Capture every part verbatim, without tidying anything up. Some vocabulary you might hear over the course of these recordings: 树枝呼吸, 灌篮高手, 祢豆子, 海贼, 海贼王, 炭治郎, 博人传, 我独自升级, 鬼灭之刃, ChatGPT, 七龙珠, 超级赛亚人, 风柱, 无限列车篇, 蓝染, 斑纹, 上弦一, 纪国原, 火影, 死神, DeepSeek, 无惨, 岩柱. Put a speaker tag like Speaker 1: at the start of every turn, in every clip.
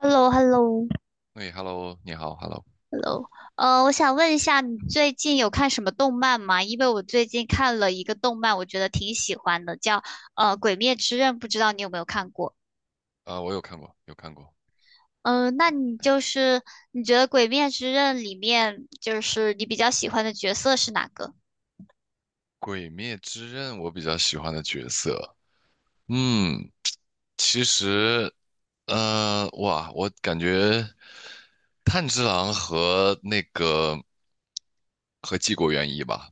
Speaker 1: h e l l o h e l l o
Speaker 2: 哎，Hello，你好，Hello，
Speaker 1: h e l l o。 呃，我想问一下，你最近有看什么动漫吗？因为我最近看了一个动漫，我觉得挺喜欢的，叫呃《鬼灭之刃》，不知道你有没有看过？
Speaker 2: 啊，我有看过，有看过
Speaker 1: 嗯、呃那你就是你觉得《鬼灭之刃》里面就是你比较喜欢的角色是哪个？
Speaker 2: 《鬼灭之刃》，我比较喜欢的角色。嗯，其实，呃，哇，我感觉炭治郎和那个和纪国原一吧，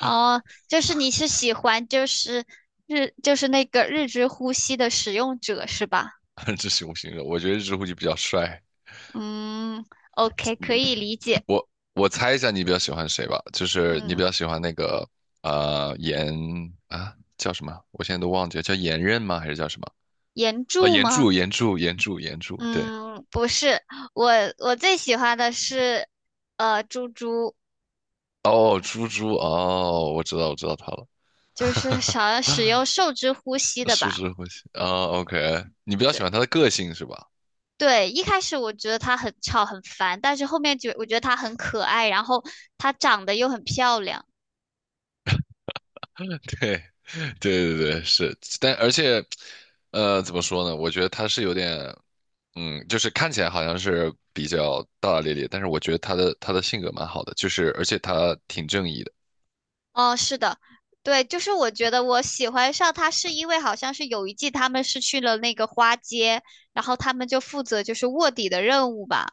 Speaker 1: 哦、就是你是喜欢就是日就是那个日之呼吸的使用者是吧？
Speaker 2: 这是我形容我觉得日户就比较帅。
Speaker 1: 嗯，OK，可以理解。
Speaker 2: 我我猜一下，你比较喜欢谁吧？就是你
Speaker 1: 嗯，
Speaker 2: 比较喜欢那个呃岩啊，叫什么？我现在都忘记了，叫岩刃吗？还是叫什么？
Speaker 1: 岩
Speaker 2: 啊，
Speaker 1: 柱
Speaker 2: 岩柱，
Speaker 1: 吗？
Speaker 2: 岩柱，岩柱，岩柱，对。
Speaker 1: 嗯，不是，我我最喜欢的是，呃，猪猪，
Speaker 2: 哦，猪猪哦，我知道，我知道他了，
Speaker 1: 就是想使用 受之呼吸的
Speaker 2: 树
Speaker 1: 吧。
Speaker 2: 枝呼吸啊，OK,你比较
Speaker 1: 对
Speaker 2: 喜欢他的个性是吧？
Speaker 1: 对，一开始我觉得它很吵很烦，但是后面觉我觉得它很可爱，然后它长得又很漂亮。
Speaker 2: 对，对对对，是，但而且，呃，怎么说呢？我觉得他是有点，嗯，就是看起来好像是比较大大咧咧，但是我觉得他的他的性格蛮好的，就是而且他挺正义的，
Speaker 1: 哦，是的，对，就是我觉得我喜欢上它是因为好像是有一季他们是去了那个花街，然后他们就负责就是卧底的任务吧，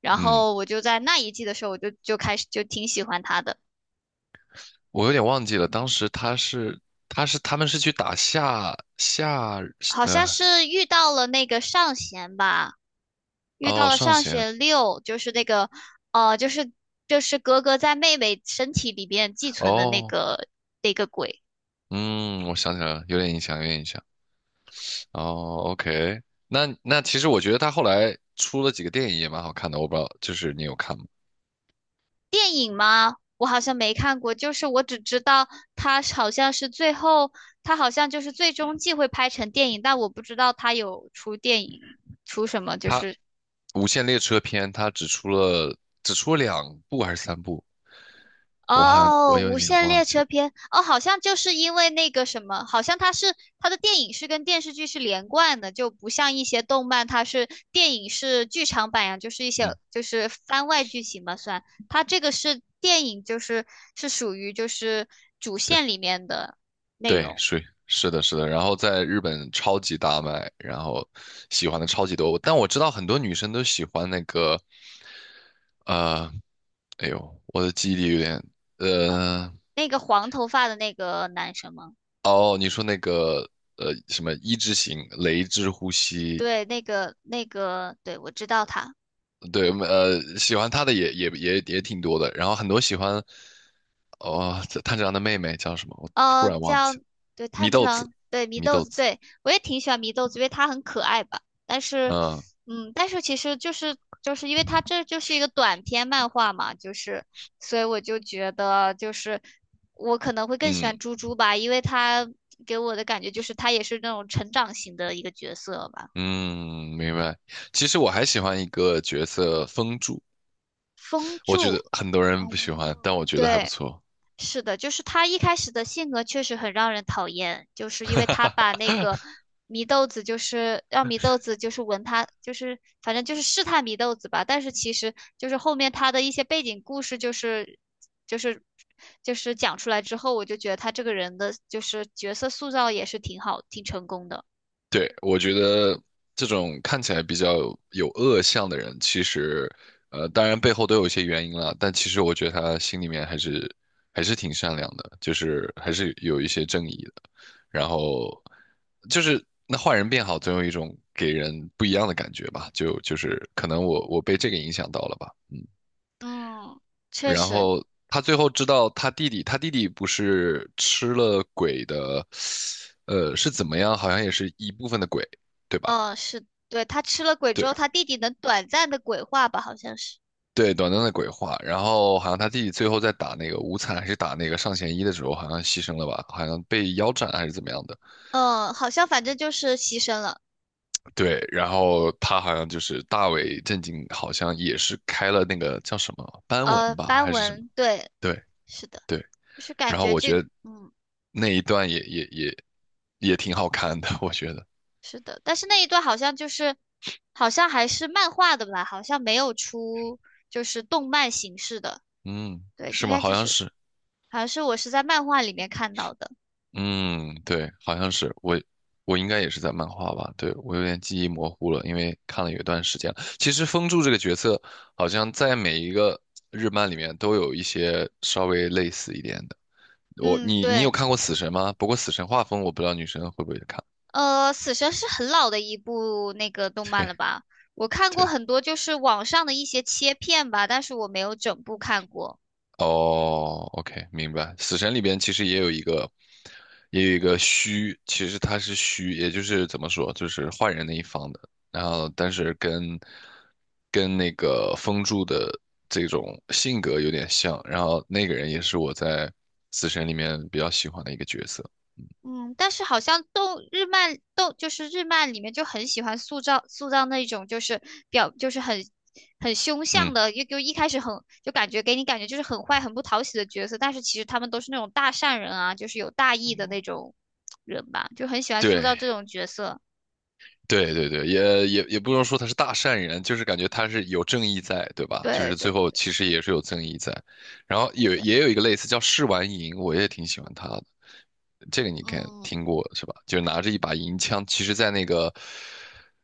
Speaker 1: 然
Speaker 2: 嗯，
Speaker 1: 后我就在那一季的时候我就就开始就挺喜欢它的。
Speaker 2: 我有点忘记了，当时他是他是他们是去打下下
Speaker 1: 好像
Speaker 2: 呃
Speaker 1: 是遇到了那个上弦吧，遇
Speaker 2: 哦
Speaker 1: 到了
Speaker 2: 上
Speaker 1: 上
Speaker 2: 弦
Speaker 1: 弦六，就是那个，呃，就是就是格格在妹妹身体里边寄存的那
Speaker 2: 哦。
Speaker 1: 个那个鬼。
Speaker 2: 嗯，我想起来了，有点印象，有点印象。哦，OK,那那其实我觉得他后来出了几个电影也蛮好看的，我不知道，就是你有看吗？
Speaker 1: 电影吗？我好像没看过，就是我只知道他好像是最后，他好像就是最终季会拍成电影，但我不知道他有出电影，出什么就
Speaker 2: 他
Speaker 1: 是
Speaker 2: 《无限列车篇》，他只出了只出了两部还是三部，我好像
Speaker 1: 哦，
Speaker 2: 我有
Speaker 1: 《无
Speaker 2: 点
Speaker 1: 限
Speaker 2: 忘
Speaker 1: 列
Speaker 2: 记
Speaker 1: 车
Speaker 2: 了。
Speaker 1: 篇》哦，好像就是因为那个什么，好像它是它的电影是跟电视剧是连贯的，就不像一些动漫，它是电影是剧场版呀，就是一些
Speaker 2: 嗯，
Speaker 1: 就是番外剧情嘛，算。它这个是电影，就是是属于就是主
Speaker 2: 对
Speaker 1: 线里面的内
Speaker 2: 对，
Speaker 1: 容。
Speaker 2: 是是的，是的。然后在日本超级大卖，然后喜欢的超级多。但我知道很多女生都喜欢那个呃，哎呦，我的记忆力有点呃。
Speaker 1: 那个黄头发的那个男生吗？
Speaker 2: 哦，你说那个呃什么一之型雷之呼吸，
Speaker 1: 对，那个那个，对，我知道他。
Speaker 2: 对，呃，喜欢他的也也也也挺多的，然后很多喜欢哦炭治郎的妹妹叫什么，我突
Speaker 1: 呃，
Speaker 2: 然忘记
Speaker 1: 叫，
Speaker 2: 了，
Speaker 1: 对，炭
Speaker 2: 祢
Speaker 1: 治
Speaker 2: 豆子，
Speaker 1: 郎，对，祢
Speaker 2: 祢
Speaker 1: 豆
Speaker 2: 豆
Speaker 1: 子，
Speaker 2: 子，
Speaker 1: 对，我也挺喜欢祢豆子，因为它很可爱吧。但是，
Speaker 2: 嗯
Speaker 1: 嗯，但是其实就是就是因为它这就是一个短篇漫画嘛，就是，所以我就觉得就是我可能会更喜
Speaker 2: 嗯
Speaker 1: 欢猪猪吧，因为它给我的感觉就是它也是那种成长型的一个角色吧。
Speaker 2: 嗯，明白。其实我还喜欢一个角色风柱，
Speaker 1: 风
Speaker 2: 我觉
Speaker 1: 柱，
Speaker 2: 得很多人不喜欢，但
Speaker 1: 嗯，
Speaker 2: 我觉得还不
Speaker 1: 对。
Speaker 2: 错。
Speaker 1: 是的，就是他一开始的性格确实很让人讨厌，就是因为他把那个祢豆子，就是让祢豆子就是闻他，就是反正就是试探祢豆子吧。但是其实就是后面他的一些背景故事，就是就是就是讲出来之后，我就觉得他这个人的就是角色塑造也是挺好，挺成功的。
Speaker 2: 对，我觉得这种看起来比较有恶相的人，其实，呃，当然背后都有一些原因啦，但其实我觉得他心里面还是还是挺善良的，就是还是有一些正义的。然后就是那坏人变好，总有一种给人不一样的感觉吧，就就是可能我我被这个影响到了吧，嗯。
Speaker 1: 嗯，确
Speaker 2: 然
Speaker 1: 实，
Speaker 2: 后他最后知道他弟弟，他弟弟不是吃了鬼的，呃，是怎么样？好像也是一部分的鬼，对吧？
Speaker 1: 嗯，是对他吃了鬼之
Speaker 2: 对
Speaker 1: 后，他弟弟能短暂的鬼化吧，好像是，
Speaker 2: 对，短暂的鬼话。然后好像他弟弟最后在打那个无惨还是打那个上弦一的时候，好像牺牲了吧？好像被腰斩还是怎么样的？
Speaker 1: 嗯，好像反正就是牺牲了。
Speaker 2: 对，然后他好像就是大为震惊，好像也是开了那个叫什么斑纹
Speaker 1: 呃，
Speaker 2: 吧，
Speaker 1: 斑
Speaker 2: 还是什么？
Speaker 1: 纹，对，
Speaker 2: 对
Speaker 1: 是的，
Speaker 2: 对。
Speaker 1: 就是
Speaker 2: 然
Speaker 1: 感
Speaker 2: 后
Speaker 1: 觉
Speaker 2: 我
Speaker 1: 这
Speaker 2: 觉
Speaker 1: 个
Speaker 2: 得
Speaker 1: 嗯，
Speaker 2: 那一段也也也也挺好看的，我觉得。
Speaker 1: 是的，但是那一段好像就是，好像还是漫画的吧，好像没有出就是动漫形式的，
Speaker 2: 嗯，
Speaker 1: 对，
Speaker 2: 是
Speaker 1: 应
Speaker 2: 吗？
Speaker 1: 该
Speaker 2: 好
Speaker 1: 就
Speaker 2: 像
Speaker 1: 是
Speaker 2: 是。
Speaker 1: 好像是我是在漫画里面看到的，
Speaker 2: 嗯，对，好像是我，我应该也是在漫画吧？对，我有点记忆模糊了，因为看了有一段时间了其实风柱这个角色，好像在每一个日漫里面都有一些稍微类似一点的。我，
Speaker 1: 嗯，
Speaker 2: 你，你有
Speaker 1: 对，
Speaker 2: 看过《死神》吗？不过《死神》画风，我不知道女生会不会看。
Speaker 1: 呃，死神是很老的一部那个 动漫
Speaker 2: 对，
Speaker 1: 了吧？我看过
Speaker 2: 对，
Speaker 1: 很多就是网上的一些切片吧，但是我没有整部看过。
Speaker 2: 哦，OK,明白。死神里边其实也有一个，也有一个虚，其实他是虚，也就是怎么说，就是坏人那一方的。然后，但是跟跟那个风柱的这种性格有点像。然后那个人也是我在死神里面比较喜欢的一个角色。
Speaker 1: 嗯，但是好像动日漫动就是日漫里面就很喜欢塑造塑造那种就是表就是很很凶相
Speaker 2: 嗯，
Speaker 1: 的，就就一开始很就感觉给你感觉就是很坏很不讨喜的角色，但是其实他们都是那种大善人啊，就是有大义的那种人吧，就很喜欢塑造
Speaker 2: 对。
Speaker 1: 这种角色。
Speaker 2: 对对对，也也也不能说他是大善人，就是感觉他是有正义在，对吧？就
Speaker 1: 对
Speaker 2: 是
Speaker 1: 对，
Speaker 2: 最后其实也是有正义在。然后
Speaker 1: 是
Speaker 2: 有
Speaker 1: 的，
Speaker 2: 也有一个类似叫试完银，我也挺喜欢他的。这个你看
Speaker 1: 嗯
Speaker 2: 听过是吧？就是拿着一把银枪，其实在那个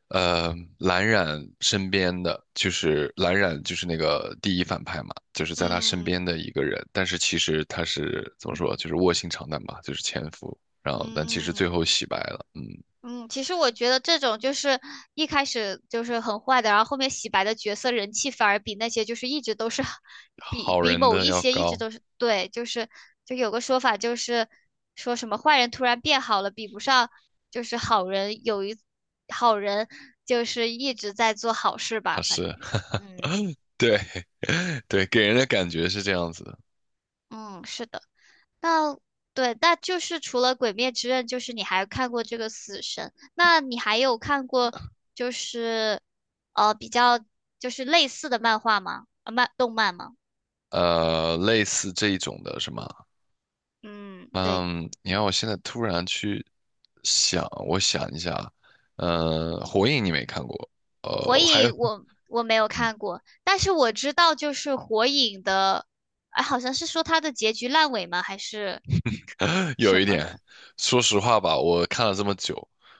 Speaker 2: 呃蓝染身边的，就是蓝染就是那个第一反派嘛，就是在他身
Speaker 1: 嗯
Speaker 2: 边的一个人，但是其实他是怎么说，就是卧薪尝胆吧，就是潜伏，然后但其实最
Speaker 1: 嗯，
Speaker 2: 后洗白了，嗯。
Speaker 1: 嗯，其实我觉得这种就是一开始就是很坏的，然后后面洗白的角色人气反而比那些就是一直都是 比
Speaker 2: 好
Speaker 1: 比
Speaker 2: 人
Speaker 1: 某
Speaker 2: 的
Speaker 1: 一
Speaker 2: 要
Speaker 1: 些一直
Speaker 2: 高
Speaker 1: 都是对，就是就有个说法就是说什么坏人突然变好了，比不上就是好人有一好人就是一直在做好事吧，
Speaker 2: 啊，
Speaker 1: 反
Speaker 2: 是
Speaker 1: 正就， 嗯
Speaker 2: 对 对，给人的感觉是这样子的，
Speaker 1: 嗯，是的。那对，那就是除了《鬼灭之刃》，就是你还看过这个《死神》，那你还有看过就是呃比较就是类似的漫画吗？啊，漫动漫吗？
Speaker 2: 呃，类似这一种的是吗？
Speaker 1: 嗯，对，
Speaker 2: 嗯，你让我现在突然去想，我想一下，呃，火影你没看过，
Speaker 1: 《火
Speaker 2: 呃，还有。
Speaker 1: 影》我我没有看过，但是我知道就是《火影》的，哎，好像是说它的结局烂尾吗？还是
Speaker 2: 有
Speaker 1: 什
Speaker 2: 一
Speaker 1: 么
Speaker 2: 点，
Speaker 1: 的？
Speaker 2: 说实话吧，我看了这么久，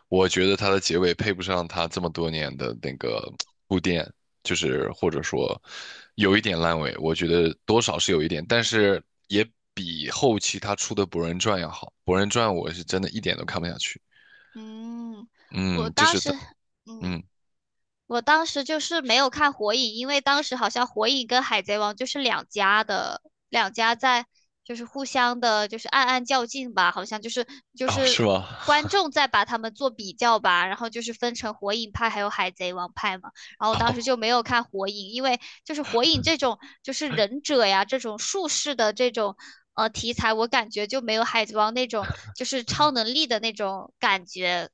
Speaker 2: 我觉得它的结尾配不上它这么多年的那个铺垫，就是或者说有一点烂尾，我觉得多少是有一点，但是也比后期他出的《博人传》要好，《博人传》我是真的一点都看不下去。
Speaker 1: 嗯，我
Speaker 2: 嗯，就
Speaker 1: 当
Speaker 2: 是
Speaker 1: 时
Speaker 2: 他，
Speaker 1: 嗯。
Speaker 2: 嗯，
Speaker 1: 我当时就是没有看《火影》，因为当时好像《火影》跟《海贼王》就是两家的，两家在就是互相的，就是暗暗较劲吧，好像就是就
Speaker 2: 哦，是
Speaker 1: 是
Speaker 2: 吗？
Speaker 1: 观众在把他们做比较吧，然后就是分成火影派还有海贼王派嘛。然后我 当时
Speaker 2: 哦，
Speaker 1: 就没有看《火影》，因为就是《火影》这种就是忍者呀这种术士的这种呃题材，我感觉就没有《海贼王》那种就是超能力的那种感觉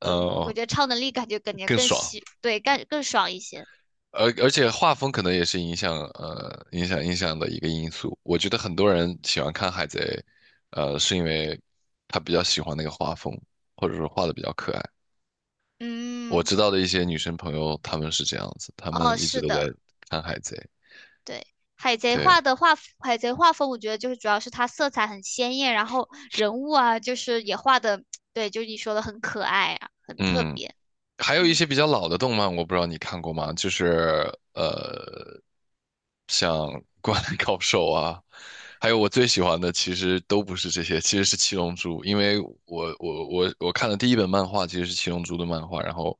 Speaker 1: 呃，我
Speaker 2: 呃，
Speaker 1: 觉得超能力感觉感觉
Speaker 2: 更
Speaker 1: 更
Speaker 2: 爽。
Speaker 1: 喜，对，更更爽一些。
Speaker 2: 而而且画风可能也是影响呃影响影响的一个因素。我觉得很多人喜欢看《海贼》，呃，是因为他比较喜欢那个画风，或者说画的比较可爱。我
Speaker 1: 嗯，
Speaker 2: 知道的一些女生朋友，她们是这样子，她
Speaker 1: 哦，
Speaker 2: 们一直
Speaker 1: 是
Speaker 2: 都在
Speaker 1: 的，
Speaker 2: 看《海贼》。
Speaker 1: 对，海贼
Speaker 2: 对，
Speaker 1: 画的画，海贼画风，我觉得就是主要是它色彩很鲜艳，然后人物啊，就是也画的，对，就是你说的很可爱啊，很特
Speaker 2: 嗯。
Speaker 1: 别。
Speaker 2: 还有一些比较老的动漫，我不知道你看过吗？就是呃，像《灌篮高手》啊，还有我最喜欢的，其实都不是这些，其实是《七龙珠》，因为我我我我看的第一本漫画其实是《七龙珠》的漫画，然后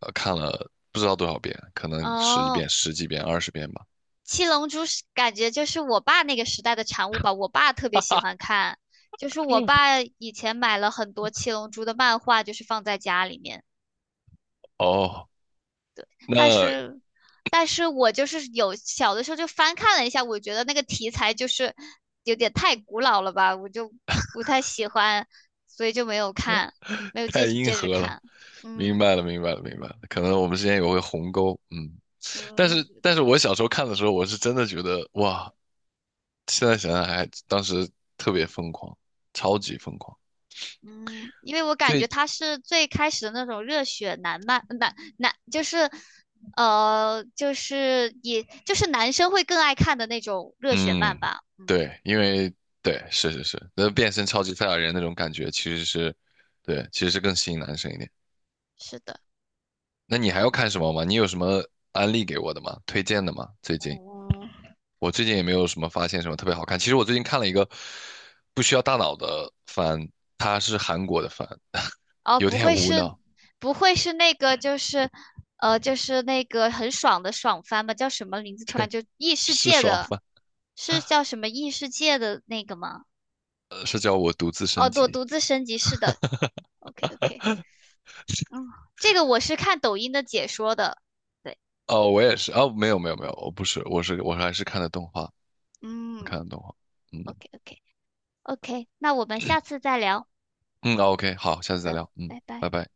Speaker 2: 呃看了不知道多少遍，可能十几
Speaker 1: 哦，
Speaker 2: 遍、十几遍、二十遍吧。
Speaker 1: 七龙珠是感觉就是我爸那个时代的产物吧，我爸特别喜欢看，就是我爸以前买了很多七龙珠的漫画，就是放在家里面。
Speaker 2: 哦，
Speaker 1: 但
Speaker 2: 那
Speaker 1: 是，但是我就是有小的时候就翻看了一下，我觉得那个题材就是有点太古老了吧，我就不太喜欢，所以就没有看，没有
Speaker 2: 太
Speaker 1: 接
Speaker 2: 硬
Speaker 1: 接着
Speaker 2: 核了，
Speaker 1: 看。嗯
Speaker 2: 明白了，明白了，明白了，可能我们之间也会鸿沟，嗯。但
Speaker 1: 嗯，
Speaker 2: 是，
Speaker 1: 可
Speaker 2: 但是
Speaker 1: 能
Speaker 2: 我小时候看的时候，我是真的觉得哇，现在想想还当时特别疯狂，超级疯狂。
Speaker 1: 嗯，因为我感觉
Speaker 2: 最
Speaker 1: 他是最开始的那种热血男漫，男男就是呃，就是也就是男生会更爱看的那种热血漫
Speaker 2: 嗯，
Speaker 1: 吧。嗯，
Speaker 2: 对，因为对，是是是，那变身超级赛亚人那种感觉其实是，对，其实是更吸引男生一点。
Speaker 1: 是的。
Speaker 2: 那你还要看什么吗？你有什么安利给我的吗？推荐的吗？最近
Speaker 1: 嗯。
Speaker 2: 我最近也没有什么发现什么特别好看。其实我最近看了一个不需要大脑的番，它是韩国的番，
Speaker 1: 哦，
Speaker 2: 有
Speaker 1: 不
Speaker 2: 点
Speaker 1: 会
Speaker 2: 无
Speaker 1: 是，
Speaker 2: 脑，
Speaker 1: 不会是那个，就是，呃，就是那个很爽的爽番吧？叫什么名字？突然就异世
Speaker 2: 是
Speaker 1: 界
Speaker 2: 爽
Speaker 1: 的，
Speaker 2: 番，
Speaker 1: 是叫什么异世界的那个吗？
Speaker 2: 呃是叫我独自
Speaker 1: 哦，
Speaker 2: 升
Speaker 1: 我
Speaker 2: 级。
Speaker 1: 独自升级是的。OK OK，嗯，这个我是看抖音的解说的。对，
Speaker 2: 哦，我也是哦，没有没有没有，我不是，我是我还是看的动画，我
Speaker 1: 嗯
Speaker 2: 看的动画，嗯
Speaker 1: ，OK OK OK，那我们下次再聊。
Speaker 2: 嗯哦，OK,好，下
Speaker 1: 好
Speaker 2: 次再
Speaker 1: 的，
Speaker 2: 聊，嗯，
Speaker 1: 拜拜。
Speaker 2: 拜拜。